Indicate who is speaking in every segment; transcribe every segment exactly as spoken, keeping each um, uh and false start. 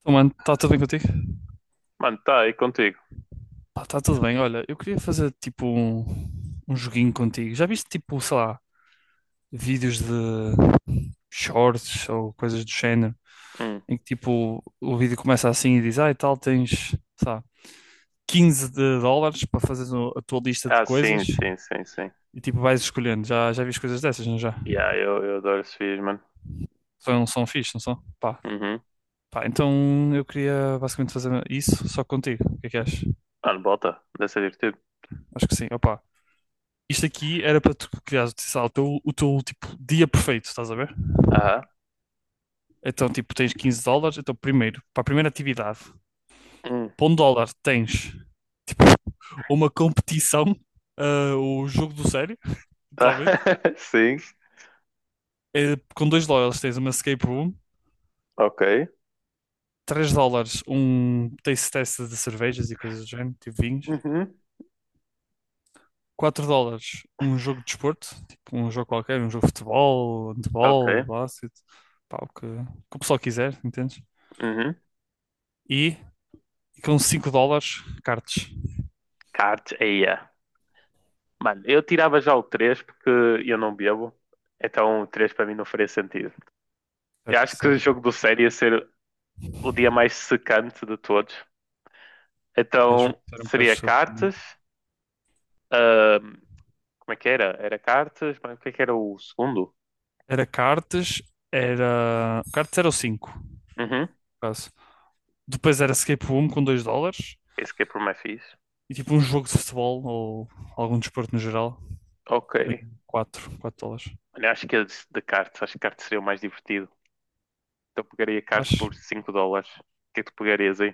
Speaker 1: Então, mano, está tudo bem contigo?
Speaker 2: Mano, tá aí contigo.
Speaker 1: Pá, está tudo bem. Olha, eu queria fazer tipo um, um joguinho contigo. Já viste tipo, sei lá, vídeos de shorts ou coisas do género,
Speaker 2: Hum.
Speaker 1: em que tipo o vídeo começa assim e diz, ah, e tal, tens, sei lá, quinze de dólares para fazer o- a tua lista de
Speaker 2: Ah,
Speaker 1: coisas
Speaker 2: sim, sim, sim, sim.
Speaker 1: e tipo vais escolhendo. Já, já viste coisas dessas, não já?
Speaker 2: Yeah, eu, eu adoro esses vídeos, mano.
Speaker 1: São, são fixe, não são? Pá.
Speaker 2: Uhum.
Speaker 1: Pá, então eu queria basicamente fazer isso só contigo. O que é que achas?
Speaker 2: Mano, bota. Deve ser divertido.
Speaker 1: Acho que sim. Opa, isto aqui era para tu criar o teu, o teu tipo, dia perfeito, estás a ver?
Speaker 2: Aham.
Speaker 1: Então, tipo, tens quinze dólares. Então, primeiro, para a primeira atividade,
Speaker 2: Hum.
Speaker 1: para um dólar tens uma competição, ah, o jogo do sério,
Speaker 2: Tá.
Speaker 1: literalmente.
Speaker 2: Sim.
Speaker 1: Eh, com dois dólares tens uma escape room.
Speaker 2: Ok.
Speaker 1: Três dólares, um taste test de cervejas e coisas do género, tipo vinhos.
Speaker 2: Uhum.
Speaker 1: Quatro dólares, um jogo de desporto, tipo um jogo qualquer, um jogo de futebol, handebol,
Speaker 2: Ok.
Speaker 1: basquete, pá, o que, o que o pessoal quiser, entendes?
Speaker 2: Uhum.
Speaker 1: E E com cinco dólares, cartes.
Speaker 2: Cards, yeah. Mano, eu tirava já o três porque eu não bebo. Então o três para mim não faria sentido. Eu
Speaker 1: Certo,
Speaker 2: acho que o jogo
Speaker 1: certo.
Speaker 2: do sério ia ser o dia mais secante de todos.
Speaker 1: É,
Speaker 2: Então
Speaker 1: juro que era um bocado
Speaker 2: seria
Speaker 1: chato.
Speaker 2: cartas. ahm, Como é que era? Era cartas, mas o que é que era o segundo?
Speaker 1: Era cartes era. Cartas era o cinco, no
Speaker 2: Uhum.
Speaker 1: caso. Depois era escape room com dois dólares.
Speaker 2: Escape Room é por mais fixe.
Speaker 1: E tipo um jogo de futebol ou algum desporto no geral
Speaker 2: Ok.
Speaker 1: em quatro 4 dólares.
Speaker 2: Olha, acho que é de, de cartas. Acho que cartas seria o mais divertido. Então pegaria cartas
Speaker 1: Acho.
Speaker 2: por cinco dólares. O que é que tu pegarias aí?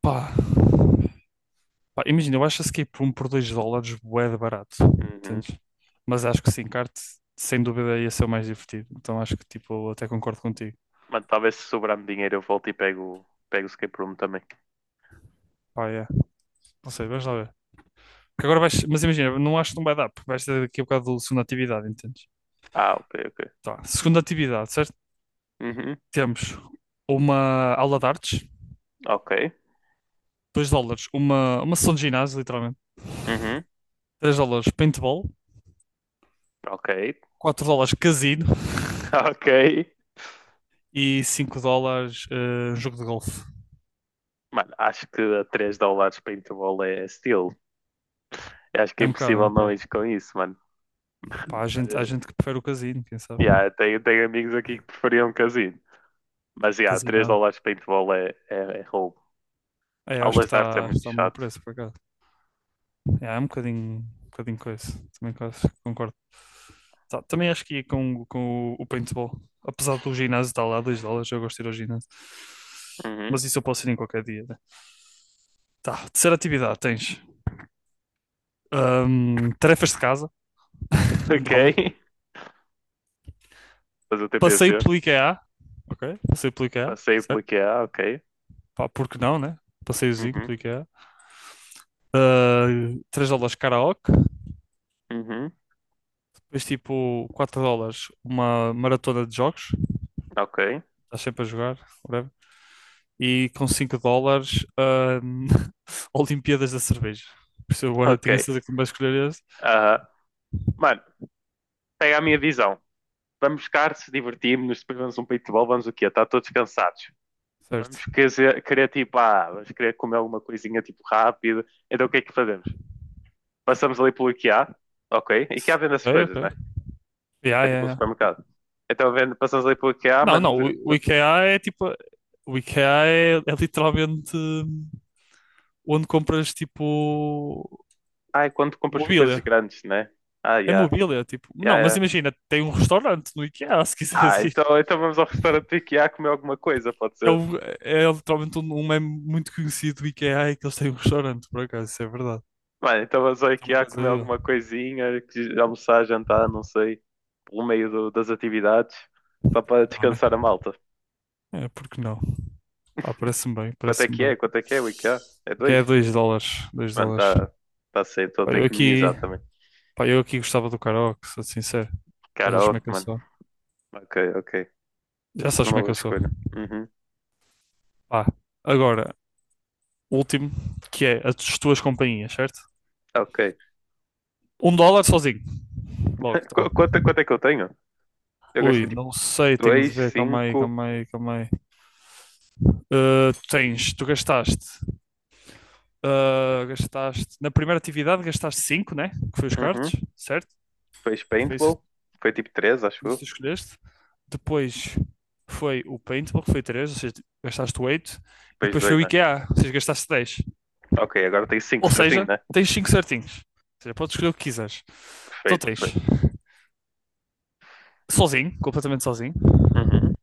Speaker 1: Pá. Pá, imagina, eu acho escape room por dois dólares bué de barato.
Speaker 2: Uhum.
Speaker 1: Entendes? Mas acho que sim, kart sem dúvida ia ser o mais divertido. Então acho que tipo, eu até concordo contigo.
Speaker 2: Mano, talvez se sobrar-me dinheiro eu volto e pego, pego o escape room também.
Speaker 1: Pá, é. Não sei, vamos lá ver. Porque agora vais, mas imagina, não acho que não vai dar, porque vais ter daqui a bocado do segunda atividade, entendes?
Speaker 2: Ah, ok, ok.
Speaker 1: Tá, segunda atividade, certo?
Speaker 2: Uhum.
Speaker 1: Temos uma aula de artes,
Speaker 2: Ok.
Speaker 1: dois dólares, uma, uma sessão de ginásio, literalmente,
Speaker 2: Uhum.
Speaker 1: três dólares paintball,
Speaker 2: Ok.
Speaker 1: quatro dólares casino
Speaker 2: Ok.
Speaker 1: e cinco dólares eh, jogo de golfe.
Speaker 2: Mano, acho que a três dólares para intervalo é steal. Eu acho que é
Speaker 1: É um bocado, é
Speaker 2: impossível
Speaker 1: um
Speaker 2: não
Speaker 1: bocado.
Speaker 2: ir com isso, mano.
Speaker 1: Pá, há
Speaker 2: Mas,
Speaker 1: gente, há
Speaker 2: eh,
Speaker 1: gente que prefere o casino, quem sabe?
Speaker 2: yeah, eu tenho, tenho amigos aqui que preferiam um casino. Mas, yeah, três
Speaker 1: Casinado.
Speaker 2: dólares para intervalo é, é, é roubo.
Speaker 1: É, eu acho que
Speaker 2: Aulas de artes é
Speaker 1: está
Speaker 2: muito
Speaker 1: está a um bom
Speaker 2: chato.
Speaker 1: preço, por acaso. é é um bocadinho, um bocadinho com isso. Também quase concordo. Tá, também acho que ia com, com o paintball. Apesar do ginásio estar lá, dois dólares, eu gosto de ir ao ginásio.
Speaker 2: Uhum.
Speaker 1: Mas isso eu posso ir em qualquer dia, né? Tá, terceira atividade: tens hum, tarefas de casa, um
Speaker 2: Ok.
Speaker 1: dólar.
Speaker 2: Fazer o
Speaker 1: Passeio
Speaker 2: T P C.
Speaker 1: pelo IKEA, ok? Passeio pelo IKEA,
Speaker 2: Passei pelo
Speaker 1: certo?
Speaker 2: que há, ok.
Speaker 1: Pá, porque não, né? Passeiozinho
Speaker 2: Uhum.
Speaker 1: pelo IKEA. Uh, três dólares karaoke,
Speaker 2: Uhum.
Speaker 1: depois tipo quatro dólares uma maratona de jogos,
Speaker 2: Ok.
Speaker 1: estás sempre a jogar, whatever. E com cinco dólares, ahm, Olimpíadas da cerveja. Por isso eu eu
Speaker 2: Ok.
Speaker 1: tenho a certeza que tu vais escolher esse.
Speaker 2: Aham. Mano, pega a minha visão. Vamos buscar, se divertimos, depois vamos um paintball, vamos o quê? Está todos cansados. Vamos
Speaker 1: Certo.
Speaker 2: querer, querer tipo, ah, vamos querer comer alguma coisinha tipo rápido. Então o que é que fazemos? Passamos ali pelo IKEA, ok? IKEA vende essas
Speaker 1: Ok,
Speaker 2: coisas,
Speaker 1: ok.
Speaker 2: né?
Speaker 1: Yeah,
Speaker 2: É
Speaker 1: yeah,
Speaker 2: tipo um
Speaker 1: yeah.
Speaker 2: supermercado. Então vendo, passamos ali pelo IKEA,
Speaker 1: Não,
Speaker 2: mano.
Speaker 1: não, o, o IKEA é tipo. O IKEA é, é literalmente, hum, onde compras tipo
Speaker 2: Ai, quando compras coisas
Speaker 1: mobília.
Speaker 2: grandes, né? Ah, já.
Speaker 1: É
Speaker 2: Yeah.
Speaker 1: mobília, tipo. Não, mas
Speaker 2: Yeah,
Speaker 1: imagina, tem um restaurante no IKEA, se
Speaker 2: ah,
Speaker 1: quiseres.
Speaker 2: então, então vamos ao restaurante do IKEA comer alguma coisa, pode
Speaker 1: É,
Speaker 2: ser?
Speaker 1: o- É literalmente um um meme muito conhecido do IKEA é que eles têm um restaurante, por acaso, isso é verdade.
Speaker 2: Mano, então vamos ao
Speaker 1: É uma
Speaker 2: IKEA
Speaker 1: coisa
Speaker 2: comer
Speaker 1: aí, ó.
Speaker 2: alguma coisinha, que- almoçar, jantar, não sei, pelo meio do- das atividades, só para
Speaker 1: Porque não, né?
Speaker 2: descansar a malta.
Speaker 1: É, porque não? Pá, parece-me bem,
Speaker 2: Quanto é
Speaker 1: parece-me
Speaker 2: que é?
Speaker 1: bem.
Speaker 2: Quanto é que é o IKEA? É
Speaker 1: Que
Speaker 2: dois?
Speaker 1: é dois dólares, dois
Speaker 2: Mano,
Speaker 1: dólares.
Speaker 2: tá, tá cedo, estou
Speaker 1: Pá,
Speaker 2: tenho
Speaker 1: eu
Speaker 2: que
Speaker 1: aqui,
Speaker 2: minimizar também.
Speaker 1: pá, eu aqui gostava do karaoke, sou sincero. Já sabes como é
Speaker 2: Karaoke,
Speaker 1: que eu
Speaker 2: mano.
Speaker 1: sou.
Speaker 2: Ok, ok.
Speaker 1: Já sabes
Speaker 2: Uma
Speaker 1: como é que
Speaker 2: boa
Speaker 1: eu sou.
Speaker 2: escolha. Uhum.
Speaker 1: Pá, agora, último, que é as tuas companhias, certo?
Speaker 2: Ok.
Speaker 1: Um dólar sozinho. Logo,
Speaker 2: Qu-
Speaker 1: tal.
Speaker 2: quanto, quanto é que eu tenho? Eu
Speaker 1: Ui,
Speaker 2: gastei tipo
Speaker 1: não sei, tenho de
Speaker 2: dois,
Speaker 1: ver, calma aí,
Speaker 2: cinco.
Speaker 1: calma aí, calma aí. Ah, tens, tu gastaste. Ah, gastaste, na primeira atividade gastaste cinco, né? Que foi os cards,
Speaker 2: Uhum.
Speaker 1: certo?
Speaker 2: Depois
Speaker 1: Que foi isso,
Speaker 2: paintball. Foi tipo três, acho
Speaker 1: isso que
Speaker 2: eu.
Speaker 1: tu escolheste. Depois foi o paintball, que foi três, ou seja, gastaste oito. E
Speaker 2: Depois
Speaker 1: depois
Speaker 2: dois,
Speaker 1: foi o
Speaker 2: né?
Speaker 1: IKEA, ou seja, gastaste dez.
Speaker 2: Ok, agora tem cinco
Speaker 1: Ou
Speaker 2: certinho,
Speaker 1: seja,
Speaker 2: né?
Speaker 1: tens cinco certinhos. Ou seja, podes escolher o que quiseres. Então
Speaker 2: Perfeito,
Speaker 1: tens
Speaker 2: perfeito.
Speaker 1: sozinho, completamente sozinho,
Speaker 2: Uhum.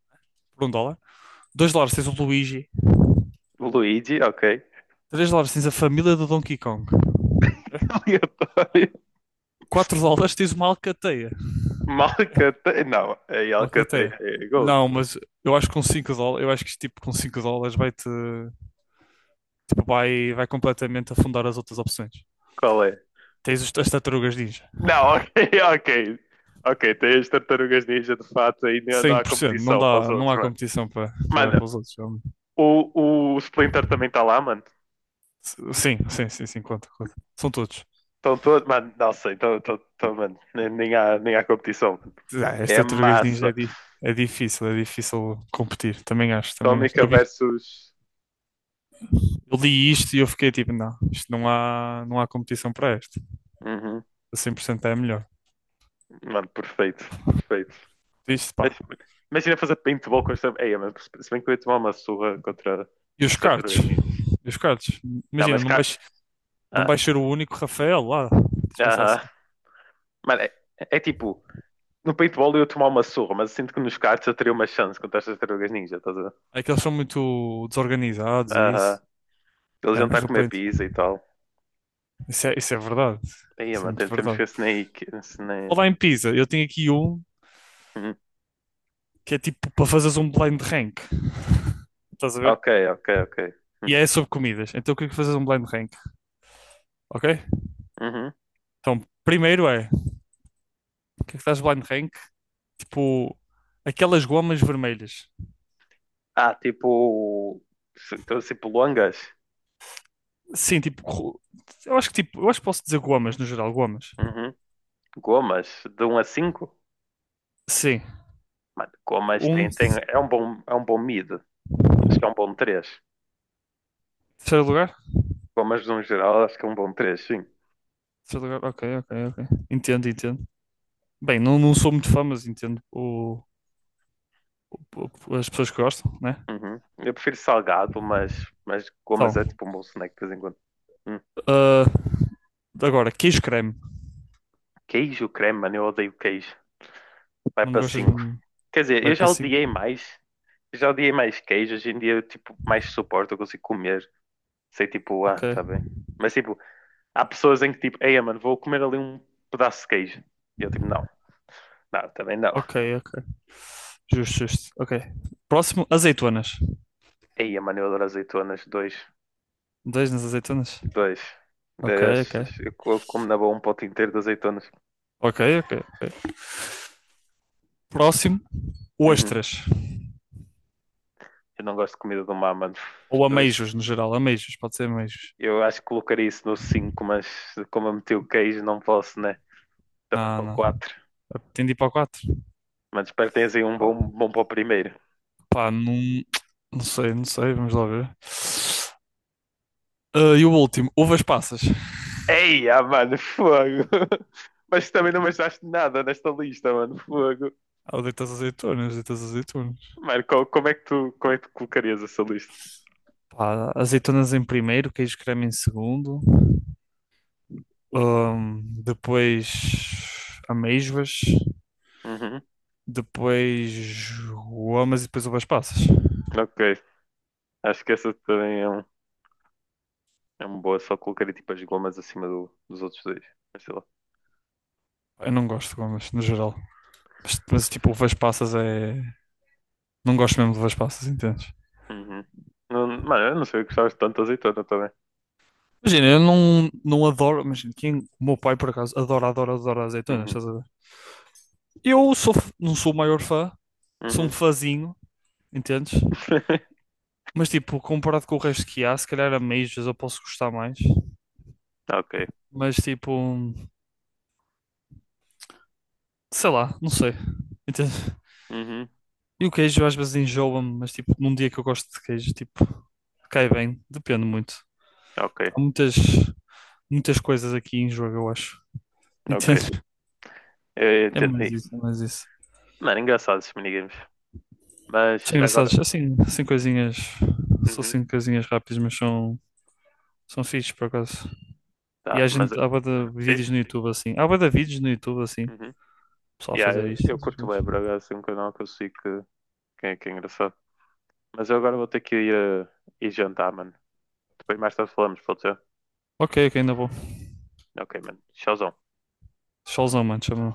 Speaker 1: por um dólar. Dois dólares tens o Luigi.
Speaker 2: O Luigi, ok.
Speaker 1: Três dólares tens a família do Donkey Kong. Eh?
Speaker 2: Aleatório.
Speaker 1: Quatro dólares tens uma alcateia.
Speaker 2: Malcateia. Não, é
Speaker 1: Uma
Speaker 2: Alcateia.
Speaker 1: cateia.
Speaker 2: É Gold.
Speaker 1: Não, mas eu acho que com cinco dólares, eu acho que tipo com cinco dólares vai-te, tipo, vai, vai completamente afundar as outras opções.
Speaker 2: Qual é?
Speaker 1: Tens os- as tartarugas ninja.
Speaker 2: Não, ok, ok. Ok, tem as tartarugas ninja de fato aí não
Speaker 1: Cem
Speaker 2: há
Speaker 1: por cento não
Speaker 2: competição para os
Speaker 1: dá, não
Speaker 2: outros,
Speaker 1: há
Speaker 2: mano.
Speaker 1: competição para para
Speaker 2: Mano,
Speaker 1: para os outros. É-
Speaker 2: o, o Splinter também está lá, mano.
Speaker 1: Sim, sim, sim, sim, conta, conta. São todos.
Speaker 2: Estão todos. Mano, não sei, estão, estão, estão, mano. Nem, nem, há, nem há competição.
Speaker 1: Ah, as
Speaker 2: É
Speaker 1: tartarugas ninja é,
Speaker 2: massa.
Speaker 1: di- é difícil, é difícil competir. Também acho, também acho.
Speaker 2: Tómica
Speaker 1: Eu vi,
Speaker 2: versus.
Speaker 1: eu li isto e eu fiquei tipo, não, isto não há, não há competição para este.
Speaker 2: Uhum.
Speaker 1: A cem por cento é a melhor.
Speaker 2: Mano, perfeito, perfeito.
Speaker 1: Isto,
Speaker 2: Mas,
Speaker 1: pá.
Speaker 2: imagina fazer paintball com as tartarugas. Ei, mas se bem que eu ia tomar uma surra contra
Speaker 1: E os
Speaker 2: as
Speaker 1: cards
Speaker 2: tartarugas ninjas.
Speaker 1: E os cards
Speaker 2: Não,
Speaker 1: Imagina,
Speaker 2: mas
Speaker 1: não
Speaker 2: cá.
Speaker 1: vais, não vais
Speaker 2: Ah,
Speaker 1: ser o único Rafael lá. Tens de pensar
Speaker 2: aham.
Speaker 1: assim.
Speaker 2: Mano, é, é tipo. No paintball eu ia tomar uma surra, mas eu sinto que nos cards eu teria uma chance contra as tartarugas ninja, estás a ver?
Speaker 1: É que eles são muito desorganizados e
Speaker 2: Aham.
Speaker 1: isso.
Speaker 2: Eles
Speaker 1: É,
Speaker 2: iam estar
Speaker 1: mas
Speaker 2: a
Speaker 1: não
Speaker 2: comer
Speaker 1: pronto.
Speaker 2: pizza e tal.
Speaker 1: Isso é, isso é verdade.
Speaker 2: Aí,
Speaker 1: Isso é
Speaker 2: mano,
Speaker 1: muito
Speaker 2: tem- temos que
Speaker 1: verdade.
Speaker 2: ver se nem. Se nem...
Speaker 1: Falar em pizza, eu tenho aqui um
Speaker 2: Hum.
Speaker 1: que é tipo para fazeres um blind rank. Estás a ver?
Speaker 2: Ok, ok, ok.
Speaker 1: E
Speaker 2: Hum.
Speaker 1: é sobre comidas. Então o que é que fazes um blind rank? Ok?
Speaker 2: Uhum.
Speaker 1: Então, primeiro é, o que é que fazes blind rank? Tipo, aquelas gomas vermelhas.
Speaker 2: Ah, tipo. Se- então, tipo, longas.
Speaker 1: Sim, tipo, ro- eu acho que tipo, eu acho que posso dizer gomas no geral, gomas.
Speaker 2: Uhum. Gomas, de um a cinco.
Speaker 1: Sim.
Speaker 2: Mano, gomas
Speaker 1: Um,
Speaker 2: tem, tem, é um bom, é um bom mid. Acho que é um bom três.
Speaker 1: terceiro lugar.
Speaker 2: Gomas no geral, acho que é um bom três sim.
Speaker 1: Terceiro lugar, ok, ok, ok. Entendo, entendo. Bem, não, não sou muito fã, mas entendo o, o- as pessoas que gostam, né?
Speaker 2: Uhum. Eu prefiro salgado, mas, mas gomas
Speaker 1: Então,
Speaker 2: é tipo um bom snack de vez em quando. Hum.
Speaker 1: ah, agora, queijo creme.
Speaker 2: Queijo, creme, mano, eu odeio queijo. Vai
Speaker 1: Não
Speaker 2: para
Speaker 1: gostas
Speaker 2: cinco.
Speaker 1: muito?
Speaker 2: Quer dizer,
Speaker 1: Vai
Speaker 2: eu
Speaker 1: para
Speaker 2: já
Speaker 1: cinco.
Speaker 2: odiei mais. Já odiei mais queijo. Hoje em dia, eu, tipo, mais suporto, eu consigo comer. Sei, tipo, ah,
Speaker 1: Ok,
Speaker 2: tá bem. Mas, tipo, há pessoas em que, tipo, ei, mano, vou comer ali um pedaço de queijo. E eu, tipo, não, não, também não.
Speaker 1: ok, ok. Justo, justo. Ok. Próximo, azeitonas.
Speaker 2: Ei, mano, eu adoro azeitonas. Dois,
Speaker 1: Dois nas azeitonas?
Speaker 2: dois.
Speaker 1: Ok,
Speaker 2: Eh,
Speaker 1: ok.
Speaker 2: Eu como na boa um pote inteiro de azeitonas.
Speaker 1: Ok, ok, ok. Próximo,
Speaker 2: Uhum.
Speaker 1: ostras.
Speaker 2: Eu não gosto de comida do mar, mano.
Speaker 1: Ou
Speaker 2: Ux,
Speaker 1: ameijos, no geral. Ameijos, pode ser ameijos.
Speaker 2: eu acho que colocaria isso no cinco mas como eu meti o queijo, não posso, né? Também
Speaker 1: Não,
Speaker 2: para o
Speaker 1: não.
Speaker 2: quatro.
Speaker 1: Tem de ir para o quatro.
Speaker 2: Mas espero que tenhas aí um
Speaker 1: Pá,
Speaker 2: bom, bom para o primeiro.
Speaker 1: pá, não, não sei, não sei. Vamos lá ver. Ah, e o último, uvas passas.
Speaker 2: Ei, ah, mano, fogo! Mas também não me achaste nada nesta lista, mano, fogo.
Speaker 1: Ah, o deitas azeitonas, deitas azeitonas.
Speaker 2: Mano, co- como é que tu, como é que tu colocarias essa lista?
Speaker 1: Pá, azeitonas em primeiro, queijo creme em segundo. Ahm, depois amêijoas.
Speaker 2: Uhum.
Speaker 1: Depois gomas e depois uvas passas.
Speaker 2: Ok. Acho que essa também é um, é uma boa, só colocaria tipo as gomas acima do- dos outros dois. Mas sei lá.
Speaker 1: Eu não gosto de gomas, no geral. Mas, mas, tipo, uvas passas é... Não gosto mesmo de uvas passas, entendes?
Speaker 2: Uhum. Não- mano, eu não sei que gostavas tanto de azeitona também.
Speaker 1: Imagina, eu não, não adoro... Imagina, quem, o meu pai, por acaso, adora, adora, adora azeitonas,
Speaker 2: Uhum.
Speaker 1: estás a ver? Eu sou, f- não sou o maior fã. Sou um
Speaker 2: Uhum.
Speaker 1: fãzinho, entendes? Mas tipo, comparado com o resto que há, se calhar a Majors eu posso gostar mais.
Speaker 2: Ok.
Speaker 1: Mas tipo, sei lá, não sei. Entende?
Speaker 2: Uhum.
Speaker 1: E o queijo às vezes enjoa-me, mas tipo, num dia que eu gosto de queijo, tipo, cai bem. Depende muito.
Speaker 2: Ok.
Speaker 1: Há muitas, muitas coisas aqui em jogo, eu acho.
Speaker 2: Ok.
Speaker 1: Entende?
Speaker 2: Eu
Speaker 1: É mais
Speaker 2: entendi.
Speaker 1: isso, é mais isso.
Speaker 2: Mano, engraçado esses minigames. Mas
Speaker 1: São
Speaker 2: agora.
Speaker 1: engraçados. Assim, assim coisinhas. São
Speaker 2: Uhum.
Speaker 1: assim coisinhas rápidas, mas são, são fixes por acaso. E há
Speaker 2: Tá, mas.
Speaker 1: gente, há bué de
Speaker 2: Vês?
Speaker 1: vídeos no YouTube assim. Há bué de vídeos no YouTube assim.
Speaker 2: Uhum.
Speaker 1: Pessoal a
Speaker 2: Yeah,
Speaker 1: fazer
Speaker 2: eu,
Speaker 1: isto.
Speaker 2: eu
Speaker 1: Essas
Speaker 2: curto
Speaker 1: coisas.
Speaker 2: bem, bro. É assim um canal que eu sei que, que, é, que é engraçado. Mas eu agora vou ter que ir, eh, ir jantar, mano. Depois mais tarde falamos, pode ser?
Speaker 1: Ok, ok, ainda vou.
Speaker 2: Ok, mano. Tchauzão.
Speaker 1: Solzão, mano, chama